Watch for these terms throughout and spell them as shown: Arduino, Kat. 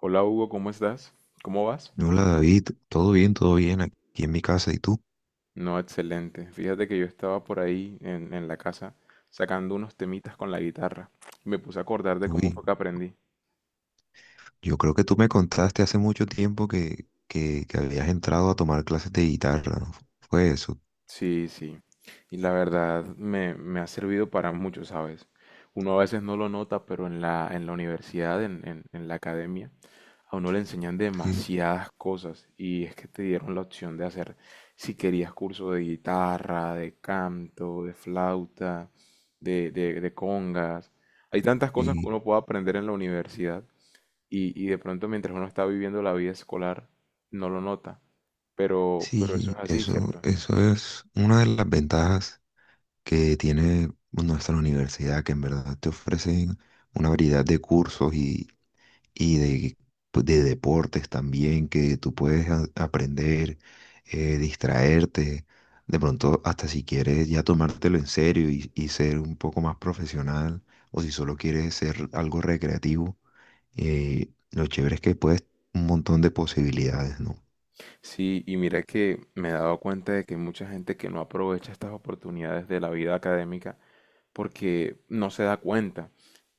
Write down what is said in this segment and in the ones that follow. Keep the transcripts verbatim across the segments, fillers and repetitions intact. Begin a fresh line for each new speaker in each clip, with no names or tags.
Hola Hugo, ¿cómo estás? ¿Cómo vas?
Hola David, todo bien, todo bien aquí en mi casa. ¿Y tú?
No, excelente. Fíjate que yo estaba por ahí en, en la casa sacando unos temitas con la guitarra. Me puse a acordar de cómo
Uy,
fue que aprendí.
yo creo que tú me contaste hace mucho tiempo que, que, que habías entrado a tomar clases de guitarra, ¿no? Fue eso.
Sí, sí. Y la verdad me, me ha servido para mucho, ¿sabes? Uno a veces no lo nota, pero en la, en la universidad, en, en, en la academia, a uno le enseñan
Sí,
demasiadas cosas. Y es que te dieron la opción de hacer, si querías, curso de guitarra, de canto, de flauta, de, de, de congas. Hay tantas cosas que
sí,
uno puede aprender en la universidad. Y, y de pronto mientras uno está viviendo la vida escolar, no lo nota. Pero,
sí,
pero eso es
sí,
así,
eso,
¿cierto?
eso es una de las ventajas que tiene nuestra universidad, que en verdad te ofrecen una variedad de cursos y de, pues, de deportes también que tú puedes a- aprender, eh, distraerte, de pronto hasta si quieres ya tomártelo en serio y, y ser un poco más profesional o si solo quieres ser algo recreativo, eh, lo chévere es que puedes un montón de posibilidades, ¿no?
Sí, y mira que me he dado cuenta de que hay mucha gente que no aprovecha estas oportunidades de la vida académica porque no se da cuenta.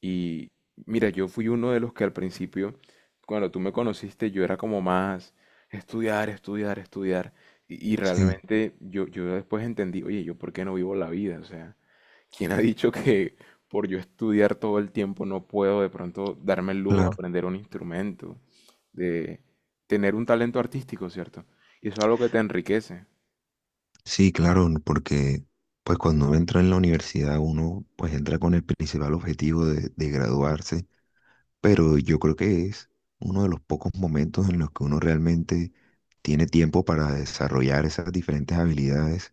Y mira, yo fui uno de los que al principio, cuando tú me conociste, yo era como más estudiar, estudiar, estudiar. Y, y
Sí,
realmente yo, yo después entendí, oye, yo por qué no vivo la vida, o sea, ¿quién ha dicho que por yo estudiar todo el tiempo no puedo de pronto darme el lujo de
claro.
aprender un instrumento, de tener un talento artístico, ¿cierto? Y eso es algo que te enriquece,
Sí, claro, n- porque pues cuando uno entra en la universidad uno pues entra con el principal objetivo de de graduarse, pero yo creo que es uno de los pocos momentos en los que uno realmente tiene tiempo para desarrollar esas diferentes habilidades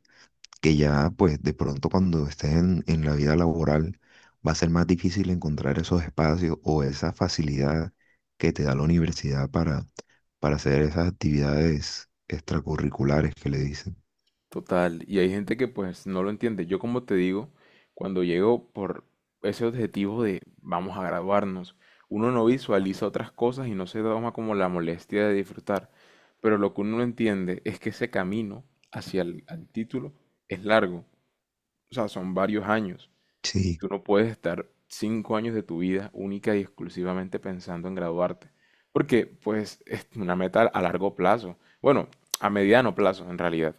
que ya pues de pronto cuando estés en, en la vida laboral va a ser más difícil encontrar esos espacios o esa facilidad que te da la universidad para, para hacer esas actividades extracurriculares que le dicen.
total. Y hay gente que pues no lo entiende. Yo como te digo, cuando llego por ese objetivo de vamos a graduarnos, uno no visualiza otras cosas y no se toma como la molestia de disfrutar. Pero lo que uno no entiende es que ese camino hacia el al título es largo. O sea, son varios años. Y
Sí,
tú no puedes estar cinco años de tu vida única y exclusivamente pensando en graduarte. Porque, pues, es una meta a largo plazo. Bueno, a mediano plazo, en realidad.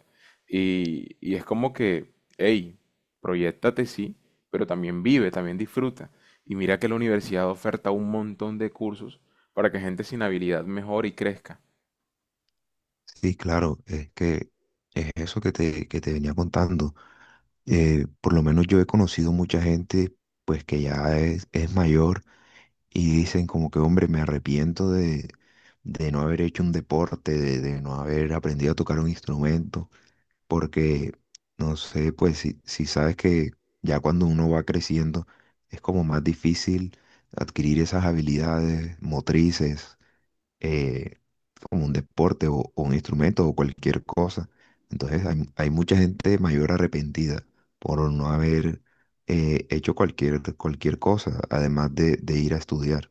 Y, y es como que, hey, proyectate, sí, pero también vive, también disfruta. Y mira que la universidad oferta un montón de cursos para que gente sin habilidad mejore y crezca.
sí, claro, es que es eso que te, que te venía contando. Eh, por lo menos yo he conocido mucha gente pues que ya es, es mayor y dicen como que, hombre, me arrepiento de, de no haber hecho un deporte, de, de no haber aprendido a tocar un instrumento, porque, no sé, pues si, si sabes que ya cuando uno va creciendo es como más difícil adquirir esas habilidades motrices, eh, como un deporte o, o un instrumento o cualquier cosa. Entonces hay, hay mucha gente mayor arrepentida por no haber eh, hecho cualquier, cualquier cosa, además de, de ir a estudiar.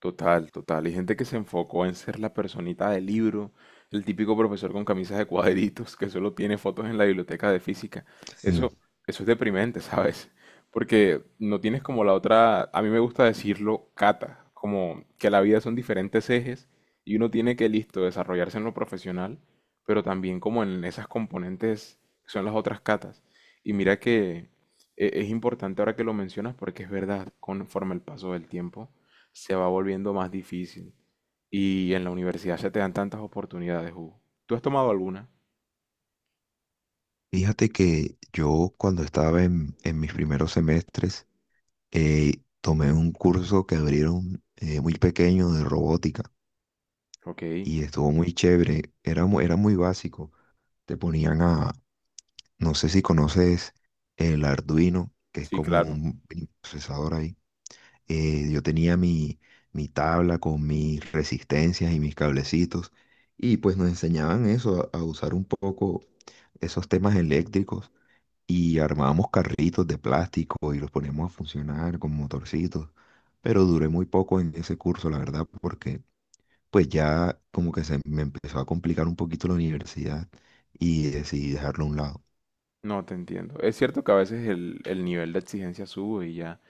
Total, total. Y gente que se enfocó en ser la personita del libro, el típico profesor con camisas de cuadritos que solo tiene fotos en la biblioteca de física.
Sí.
Eso, eso es deprimente, ¿sabes? Porque no tienes como la otra, a mí me gusta decirlo, cata, como que la vida son diferentes ejes y uno tiene que, listo, desarrollarse en lo profesional, pero también como en esas componentes que son las otras catas. Y mira que e- es importante ahora que lo mencionas porque es verdad, conforme el paso del tiempo se va volviendo más difícil. Y en la universidad se te dan tantas oportunidades, Hugo. ¿Tú has tomado alguna?
Fíjate que yo cuando estaba en, en mis primeros semestres, eh, tomé un curso que abrieron, eh, muy pequeño, de robótica,
Ok.
y estuvo muy chévere. Era, mu- era muy básico. Te ponían a... No sé si conoces el Arduino, que es
Sí,
como
claro.
un mini procesador ahí. Eh, yo tenía mi, mi tabla con mis resistencias y mis cablecitos, y pues nos enseñaban eso, a, a usar un poco esos temas eléctricos, y armábamos carritos de plástico y los poníamos a funcionar con motorcitos. Pero duré muy poco en ese curso, la verdad, porque pues ya como que se me empezó a complicar un poquito la universidad y decidí dejarlo a un lado.
No te entiendo. Es cierto que a veces el, el nivel de exigencia sube y ya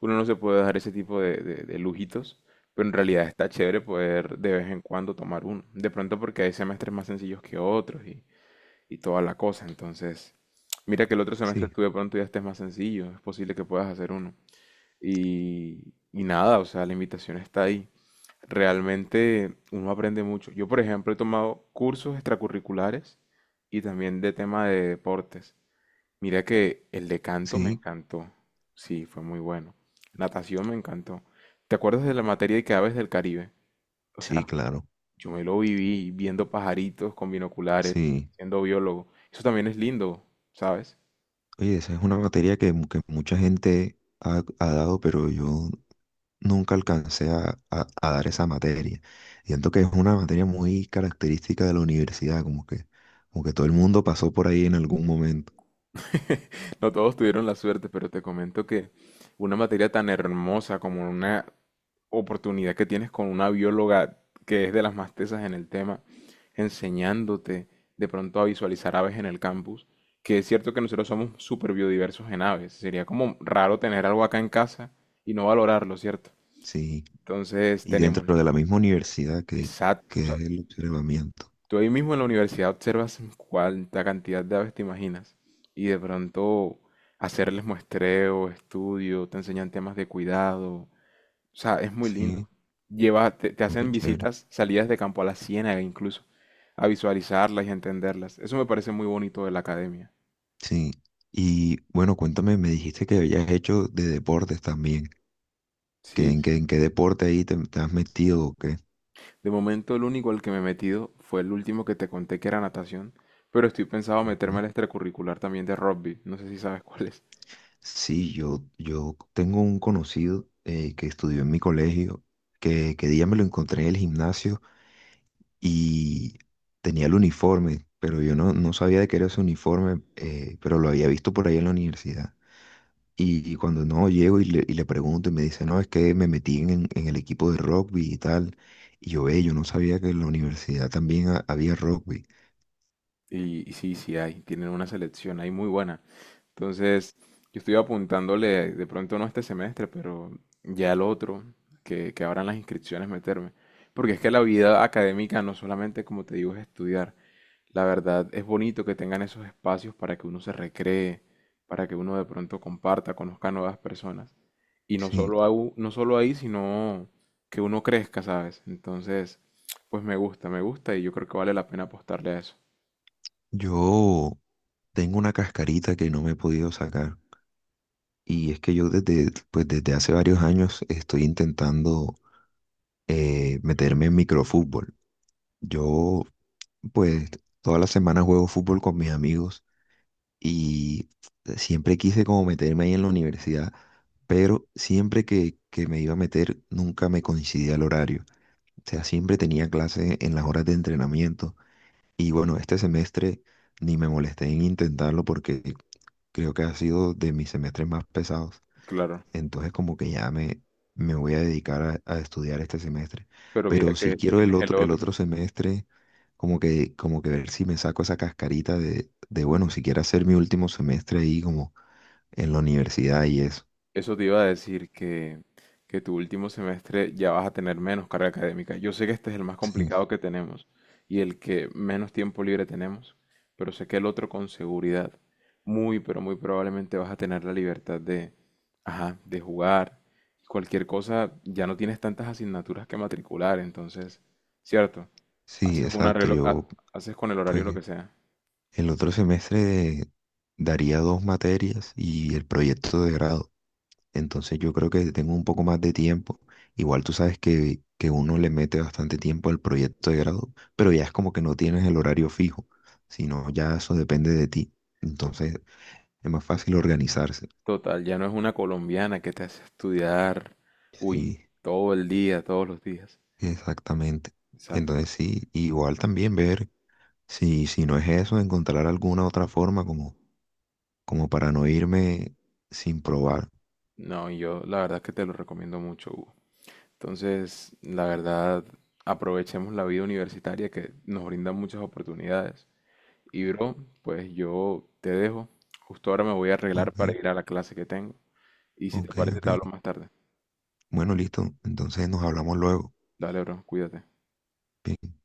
uno no se puede dar ese tipo de, de- de lujitos, pero en realidad está chévere poder de vez en cuando tomar uno. De pronto porque hay semestres más sencillos que otros y, y toda la cosa. Entonces, mira que el otro semestre
Sí.
tú de pronto ya estés más sencillo, es posible que puedas hacer uno. Y, y nada, o sea, la invitación está ahí. Realmente uno aprende mucho. Yo, por ejemplo, he tomado cursos extracurriculares y también de tema de deportes. Mira que el de canto me
Sí,
encantó. Sí, fue muy bueno. Natación me encantó. ¿Te acuerdas de la materia de que aves del Caribe? O
sí,
sea,
claro.
yo me lo viví viendo pajaritos con binoculares,
Sí.
siendo biólogo. Eso también es lindo, ¿sabes?
Oye, esa es una materia que, mu- que mucha gente ha, ha dado, pero yo nunca alcancé a, a- a dar esa materia. Siento que es una materia muy característica de la universidad, como que, como que todo el mundo pasó por ahí en algún momento.
No todos tuvieron la suerte, pero te comento que una materia tan hermosa como una oportunidad que tienes con una bióloga que es de las más tesas en el tema, enseñándote de pronto a visualizar aves en el campus, que es cierto que nosotros somos súper biodiversos en aves. Sería como raro tener algo acá en casa y no valorarlo, ¿cierto?
Sí.
Entonces
Y dentro
tenemos...
de la misma universidad que,
Exacto.
que
O sea,
es el observamiento.
tú ahí mismo en la universidad observas cuánta cantidad de aves te imaginas y de pronto hacerles muestreo, estudio, te enseñan temas de cuidado. O sea, es muy lindo.
Sí,
Lleva, te, te
como que
hacen
chévere.
visitas, salidas de campo a la ciénaga incluso, a visualizarlas y a entenderlas. Eso me parece muy bonito de la academia.
Sí. Y bueno, cuéntame, me dijiste que habías hecho de deportes también, que
Sí,
en qué, en qué deporte ahí te, te has metido o qué.
de momento el único al que me he metido fue el último que te conté que era natación, pero estoy pensado meterme
Ujú.
al extracurricular también de rugby, no sé si sabes cuál es.
Sí, yo, yo tengo un conocido, eh, que estudió en mi colegio, que, que día me lo encontré en el gimnasio y tenía el uniforme, pero yo no, no sabía de qué era ese uniforme, eh, pero lo había visto por ahí en la universidad. Y, y cuando no llego y le, y le pregunto y me dice, no, es que me metí en, en el equipo de rugby y tal. Y yo, ve, yo no sabía que en la universidad también ha- había rugby.
Y, y sí, sí hay, tienen una selección ahí muy buena. Entonces, yo estoy apuntándole, de pronto no este semestre, pero ya el otro, que, que abran las inscripciones, meterme. Porque es que la vida académica no solamente, como te digo, es estudiar. La verdad, es bonito que tengan esos espacios para que uno se recree, para que uno de pronto comparta, conozca nuevas personas. Y no
Sí,
solo, au- no solo ahí, sino que uno crezca, ¿sabes? Entonces, pues me gusta, me gusta y yo creo que vale la pena apostarle a eso.
yo tengo una cascarita que no me he podido sacar. Y es que yo desde, pues desde hace varios años estoy intentando, eh, meterme en microfútbol. Yo pues todas las semanas juego fútbol con mis amigos y siempre quise como meterme ahí en la universidad, pero siempre que, que me iba a meter nunca me coincidía el horario. O sea, siempre tenía clase en las horas de entrenamiento y bueno, este semestre ni me molesté en intentarlo porque creo que ha sido de mis semestres más pesados.
Claro.
Entonces como que ya me, me voy a dedicar a, a estudiar este semestre.
Pero mira
Pero si
que
quiero el
tienes el
otro, el
otro.
otro semestre, como que, como que ver si me saco esa cascarita de, de, bueno, si quiero hacer mi último semestre ahí como en la universidad y eso.
Eso te iba a decir que, que tu último semestre ya vas a tener menos carga académica. Yo sé que este es el más
Sí,
complicado que tenemos y el que menos tiempo libre tenemos, pero sé que el otro con seguridad, muy, pero muy probablemente vas a tener la libertad de, ajá, de jugar. Cualquier cosa, ya no tienes tantas asignaturas que matricular, entonces, cierto,
sí,
haces una
exacto.
relo- ha-
Yo
haces con el horario lo
pues
que sea.
el otro semestre daría dos materias y el proyecto de grado. Entonces yo creo que tengo un poco más de tiempo. Igual tú sabes que, que uno le mete bastante tiempo al proyecto de grado, pero ya es como que no tienes el horario fijo, sino ya eso depende de ti. Entonces es más fácil organizarse.
Total, ya no es una colombiana que te hace estudiar, uy,
Sí,
todo el día, todos los días.
exactamente.
Exacto.
Entonces sí, igual también ver si, si no es eso, encontrar alguna otra forma como, como para no irme sin probar.
No, y yo la verdad que te lo recomiendo mucho, Hugo. Entonces, la verdad, aprovechemos la vida universitaria que nos brinda muchas oportunidades. Y bro, pues yo te dejo. Justo ahora me voy a arreglar
Ok,
para ir a la clase que tengo. Y si te
ok,
parece,
ok.
te hablo más tarde.
Bueno, listo. Entonces nos hablamos luego.
Dale, bro, cuídate.
Bien.